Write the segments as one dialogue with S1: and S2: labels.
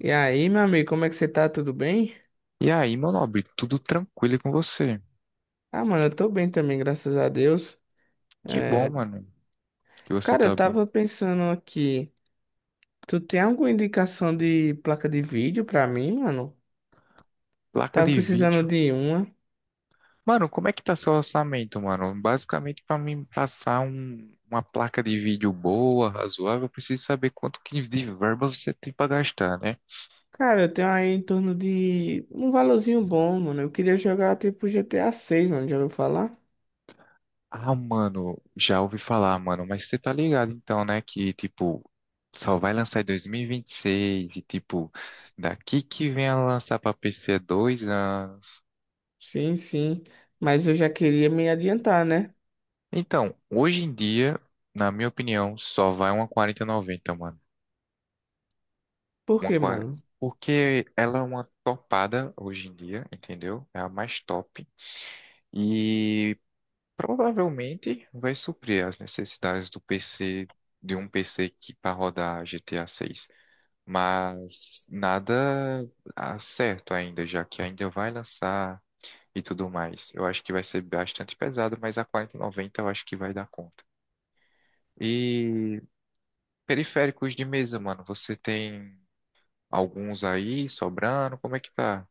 S1: E aí, meu amigo, como é que você tá? Tudo bem?
S2: E aí, meu nobre, tudo tranquilo com você?
S1: Ah, mano, eu tô bem também, graças a Deus.
S2: Que bom,
S1: É.
S2: mano, que você
S1: Cara, eu
S2: tá bem.
S1: tava pensando aqui, tu tem alguma indicação de placa de vídeo pra mim, mano?
S2: Placa
S1: Tava
S2: de
S1: precisando
S2: vídeo.
S1: de uma.
S2: Mano, como é que tá seu orçamento, mano? Basicamente, pra mim passar uma placa de vídeo boa, razoável, eu preciso saber quanto que de verba você tem pra gastar, né?
S1: Cara, eu tenho aí em torno de um valorzinho bom, mano. Eu queria jogar tipo GTA 6, mano, já ouviu falar?
S2: Ah, mano, já ouvi falar, mano, mas você tá ligado então, né, que tipo só vai lançar em 2026 e vinte e seis e tipo daqui que vem a lançar pra PC é 2 anos.
S1: Sim, sim. Mas eu já queria me adiantar, né?
S2: Então, hoje em dia, na minha opinião, só vai uma 4090 mano.
S1: Por
S2: Uma
S1: quê,
S2: 40
S1: mano?
S2: Porque ela é uma topada hoje em dia, entendeu? É a mais top. E provavelmente vai suprir as necessidades de um PC que para rodar GTA 6. Mas nada certo ainda, já que ainda vai lançar e tudo mais. Eu acho que vai ser bastante pesado, mas a 4090 eu acho que vai dar conta. E Periféricos de mesa, mano. Você tem alguns aí sobrando? Como é que tá?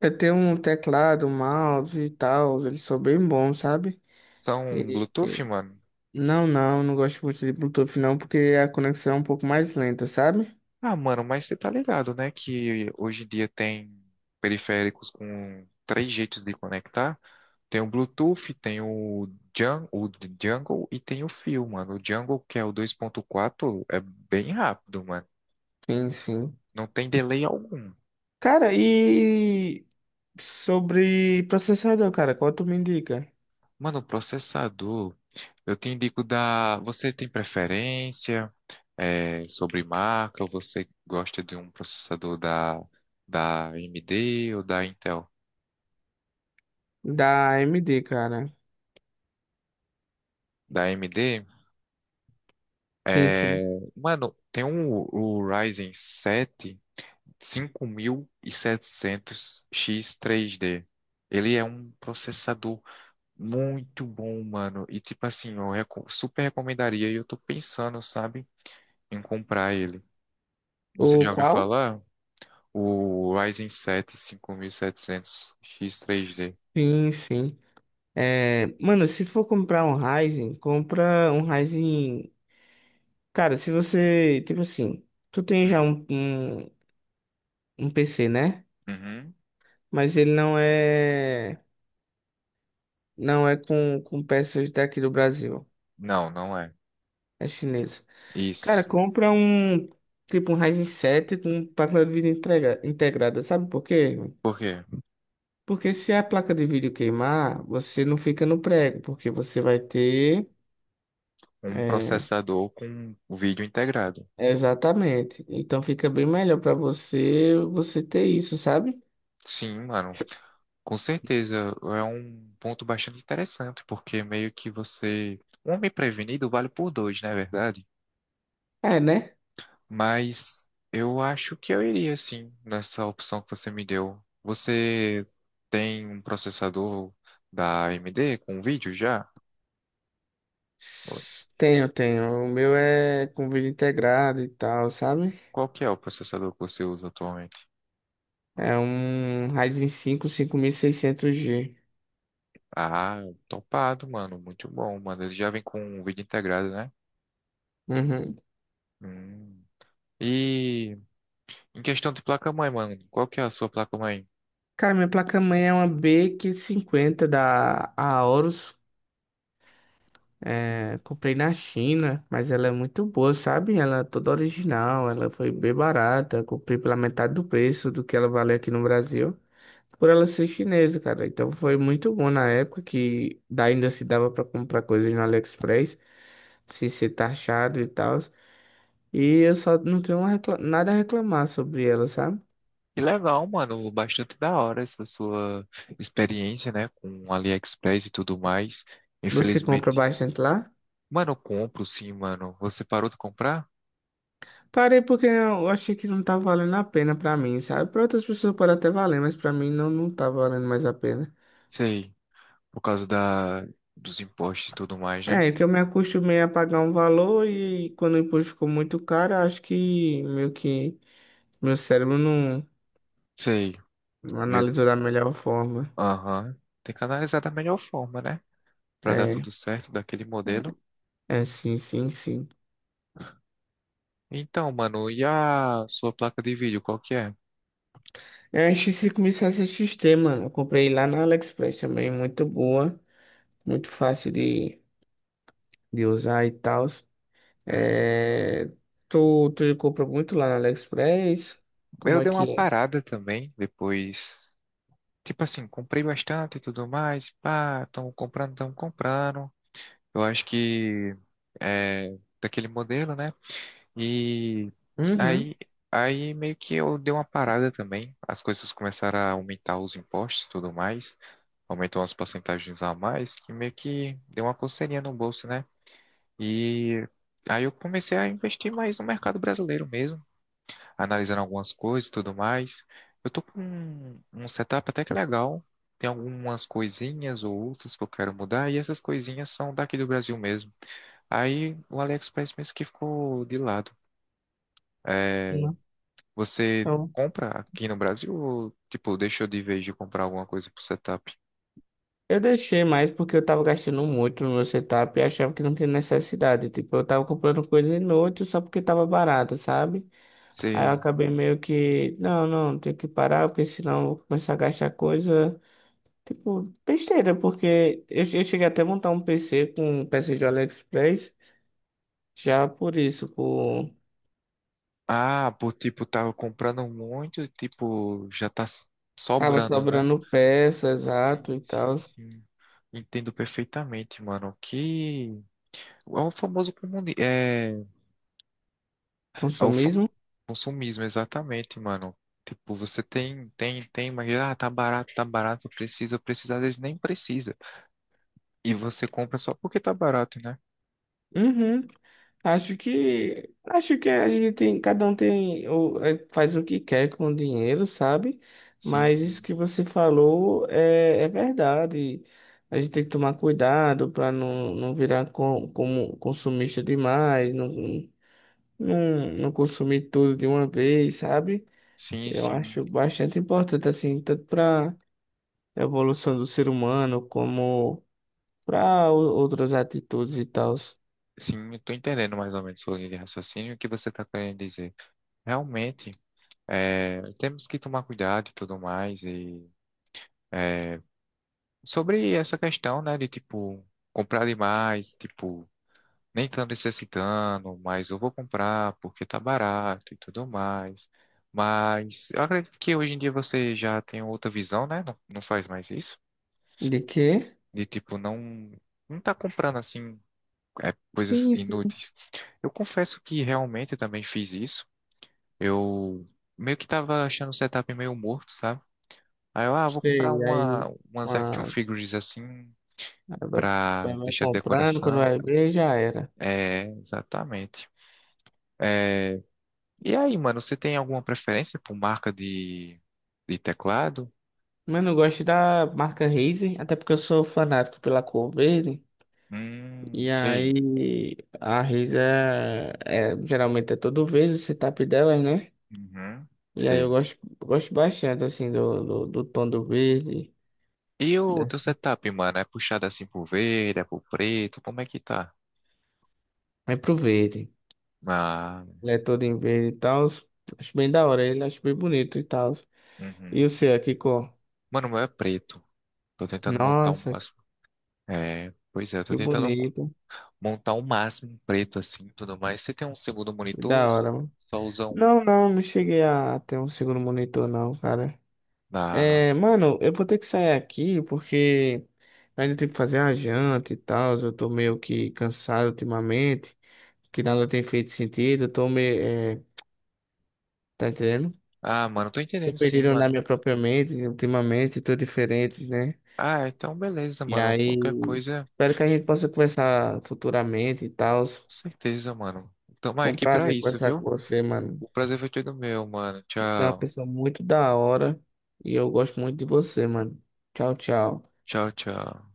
S1: Eu tenho um teclado, um mouse e tal, eles são bem bons, sabe?
S2: São Bluetooth, mano?
S1: Não, não, não gosto muito de Bluetooth não, porque a conexão é um pouco mais lenta, sabe?
S2: Ah, mano, mas você tá ligado, né? Que hoje em dia tem periféricos com três jeitos de conectar. Tem o Bluetooth, tem o Jungle e tem o Fio, mano. O Jungle, que é o 2.4, é bem rápido, mano.
S1: Sim, sim.
S2: Não tem delay algum.
S1: Cara, e sobre processador, cara, qual tu me indica?
S2: Mano, o processador, eu te indico da. Você tem preferência? Sobre marca ou você gosta de um processador da AMD ou da Intel?
S1: Da AMD, cara.
S2: Da AMD,
S1: Sim,
S2: é,
S1: sim.
S2: mano, tem o Ryzen 7 5700X3D. Ele é um processador muito bom, mano. E tipo assim, eu super recomendaria e eu tô pensando, sabe, em comprar ele. Você
S1: O
S2: já ouviu
S1: qual?
S2: falar? O Ryzen 7 5700X3D.
S1: Sim, sim. É, mano, se for comprar um Ryzen, compra um Ryzen. Cara, se você, tipo assim, tu tem
S2: Hum.
S1: já um PC, né?
S2: Uhum.
S1: Mas ele não é com peças daqui do Brasil.
S2: Não, não é.
S1: É chinesa. Cara,
S2: Isso.
S1: compra um. Tipo um Ryzen 7 com placa de vídeo integrada. Sabe por quê?
S2: Por quê?
S1: Porque se a placa de vídeo queimar, você não fica no prego, porque você vai ter.
S2: Um
S1: É,
S2: processador com o vídeo integrado.
S1: exatamente. Então fica bem melhor pra você ter isso, sabe?
S2: Sim, mano. Com certeza. É um ponto bastante interessante, porque meio que você. Um homem prevenido vale por dois, não é verdade?
S1: É, né?
S2: Mas eu acho que eu iria, sim, nessa opção que você me deu. Você tem um processador da AMD com vídeo já?
S1: Tenho, tenho. O meu é com vídeo integrado e tal, sabe?
S2: Qual que é o processador que você usa atualmente?
S1: É um Ryzen 5 600G.
S2: Ah, topado, mano. Muito bom, mano. Ele já vem com um vídeo integrado, né?
S1: Uhum.
S2: Hum. E em questão de placa-mãe, mano, qual que é a sua placa-mãe?
S1: Cara, minha placa-mãe é uma B550 da Aorus. É, comprei na China, mas ela é muito boa, sabe? Ela é toda original, ela foi bem barata. Comprei pela metade do preço do que ela vale aqui no Brasil. Por ela ser chinesa, cara. Então foi muito bom na época que ainda se dava pra comprar coisas no AliExpress, sem ser taxado e tal. E eu só não tenho nada a reclamar sobre ela, sabe?
S2: Que legal, mano. Bastante da hora essa sua experiência, né? Com AliExpress e tudo mais.
S1: Você compra
S2: Infelizmente.
S1: bastante lá?
S2: Mano, eu compro sim, mano. Você parou de comprar?
S1: Parei porque eu achei que não tava valendo a pena pra mim, sabe? Pra outras pessoas pode até valer, mas pra mim não, não tá valendo mais a pena.
S2: Sei. Por causa dos impostos e tudo mais, né?
S1: é, que eu me acostumei a pagar um valor e quando o imposto ficou muito caro, eu acho que meio que meu cérebro não,
S2: Sei.
S1: não
S2: Meio.
S1: analisou da melhor forma.
S2: Aham. Tem que analisar da melhor forma, né? Pra dar
S1: É,
S2: tudo certo daquele
S1: né?
S2: modelo.
S1: É, sim, sim, sim.
S2: Então, mano, e a sua placa de vídeo, qual que é?
S1: É a X5.7XT, mano. Eu comprei lá na AliExpress também, muito boa, muito fácil de usar e tal.
S2: Hum,
S1: É, tu compra muito lá na AliExpress? Como
S2: eu
S1: é
S2: dei uma
S1: que é?
S2: parada também, depois. Tipo assim, comprei bastante e tudo mais. Pá, tão comprando, tão comprando. Eu acho que é daquele modelo, né? E
S1: Uhum.
S2: aí, aí meio que eu dei uma parada também. As coisas começaram a aumentar os impostos e tudo mais. Aumentou as porcentagens a mais, que meio que deu uma coceirinha no bolso, né? E aí eu comecei a investir mais no mercado brasileiro mesmo, analisando algumas coisas e tudo mais. Eu tô com um setup até que legal. Tem algumas coisinhas ou outras que eu quero mudar, e essas coisinhas são daqui do Brasil mesmo. Aí o AliExpress mesmo que ficou de lado. É,
S1: Não.
S2: você
S1: Eu
S2: compra aqui no Brasil ou, tipo, deixou de vez de comprar alguma coisa pro setup?
S1: eu deixei mais porque eu tava gastando muito no meu setup e achava que não tinha necessidade. Tipo, eu tava comprando coisa inútil só porque tava barata, sabe? Aí eu
S2: Você...
S1: acabei meio que, não, não, tenho que parar porque senão eu vou começar a gastar coisa, tipo, besteira. Porque eu cheguei até a montar um PC com peças de AliExpress já por isso, por.
S2: Ah, por, tipo, tava comprando muito, e, tipo, já tá
S1: Tava
S2: sobrando, né?
S1: sobrando peças,
S2: Sim,
S1: exato e
S2: sim,
S1: tal.
S2: sim. Entendo perfeitamente, mano. Que é o famoso comuni... é o
S1: Consumismo?
S2: consumismo, exatamente, mano. Tipo, você tem, mas tá barato, precisa precisa às vezes nem precisa. E você compra só porque tá barato, né?
S1: Uhum. Acho que a gente tem, cada um tem faz o que quer com o dinheiro, sabe?
S2: Sim,
S1: Mas isso
S2: sim.
S1: que você falou é verdade. A gente tem que tomar cuidado para não virar como consumista demais, não, não, não consumir tudo de uma vez, sabe?
S2: Sim,
S1: Eu
S2: sim.
S1: acho bastante importante, assim, tanto para a evolução do ser humano como para outras atitudes e tal.
S2: Sim, eu tô entendendo mais ou menos sua linha de raciocínio e o que você tá querendo dizer. Realmente, temos que tomar cuidado e tudo mais. É, Sobre essa questão, né, de tipo comprar demais, tipo, nem tanto necessitando, mas eu vou comprar porque tá barato e tudo mais. Mas eu acredito que hoje em dia você já tem outra visão, né? Não, não faz mais isso.
S1: De quê?
S2: De tipo, não, não tá comprando assim, coisas
S1: Sim, sim.
S2: inúteis. Eu confesso que realmente eu também fiz isso. Eu meio que tava achando o setup meio morto, sabe? Aí eu, vou comprar
S1: Sei. Aí
S2: umas action
S1: uma,
S2: figures assim
S1: vai,
S2: pra
S1: vai
S2: deixar de
S1: comprando, quando
S2: decoração.
S1: vai ver, já era.
S2: É, exatamente. É, e aí, mano, você tem alguma preferência por marca de teclado?
S1: Mas não gosto da marca Razer, até porque eu sou fanático pela cor verde. E
S2: Sei.
S1: aí a Razer geralmente é todo verde o setup dela, né?
S2: Uhum,
S1: E aí eu
S2: sei.
S1: gosto bastante assim do tom do verde.
S2: E o teu
S1: Dessa.
S2: setup, mano, é puxado assim pro verde, é pro preto? Como é que tá?
S1: É pro verde.
S2: Ah,
S1: Ele é todo em verde e tal. Acho bem da hora ele, acho bem bonito e tal. E
S2: uhum.
S1: o seu, aqui, cor?
S2: Mano, o meu é preto. Tô tentando montar o
S1: Nossa,
S2: máximo. É, pois é, eu tô
S1: que
S2: tentando
S1: bonito.
S2: montar o máximo preto assim, tudo mais. Você tem um segundo monitor ou
S1: Da
S2: só
S1: hora, mano.
S2: só usa um?
S1: Não, não, não cheguei a ter um segundo monitor, não, cara.
S2: Ah,
S1: É, mano, eu vou ter que sair aqui porque ainda tem que fazer a janta e tal. Eu tô meio que cansado ultimamente, que nada tem feito sentido. Eu tô meio, é, tá entendendo?
S2: mano, tô
S1: Tô
S2: entendendo sim,
S1: perdido na
S2: mano.
S1: minha própria mente, ultimamente, tô diferente, né?
S2: Ah, então beleza,
S1: E
S2: mano. Qualquer
S1: aí,
S2: coisa,
S1: espero que a gente possa conversar futuramente e tal. Foi
S2: com certeza, mano. Tamo
S1: um
S2: aqui pra
S1: prazer
S2: isso,
S1: conversar com
S2: viu?
S1: você, mano.
S2: O prazer foi todo meu, mano.
S1: Você é uma
S2: Tchau.
S1: pessoa muito da hora e eu gosto muito de você, mano. Tchau, tchau.
S2: Tchau, tchau.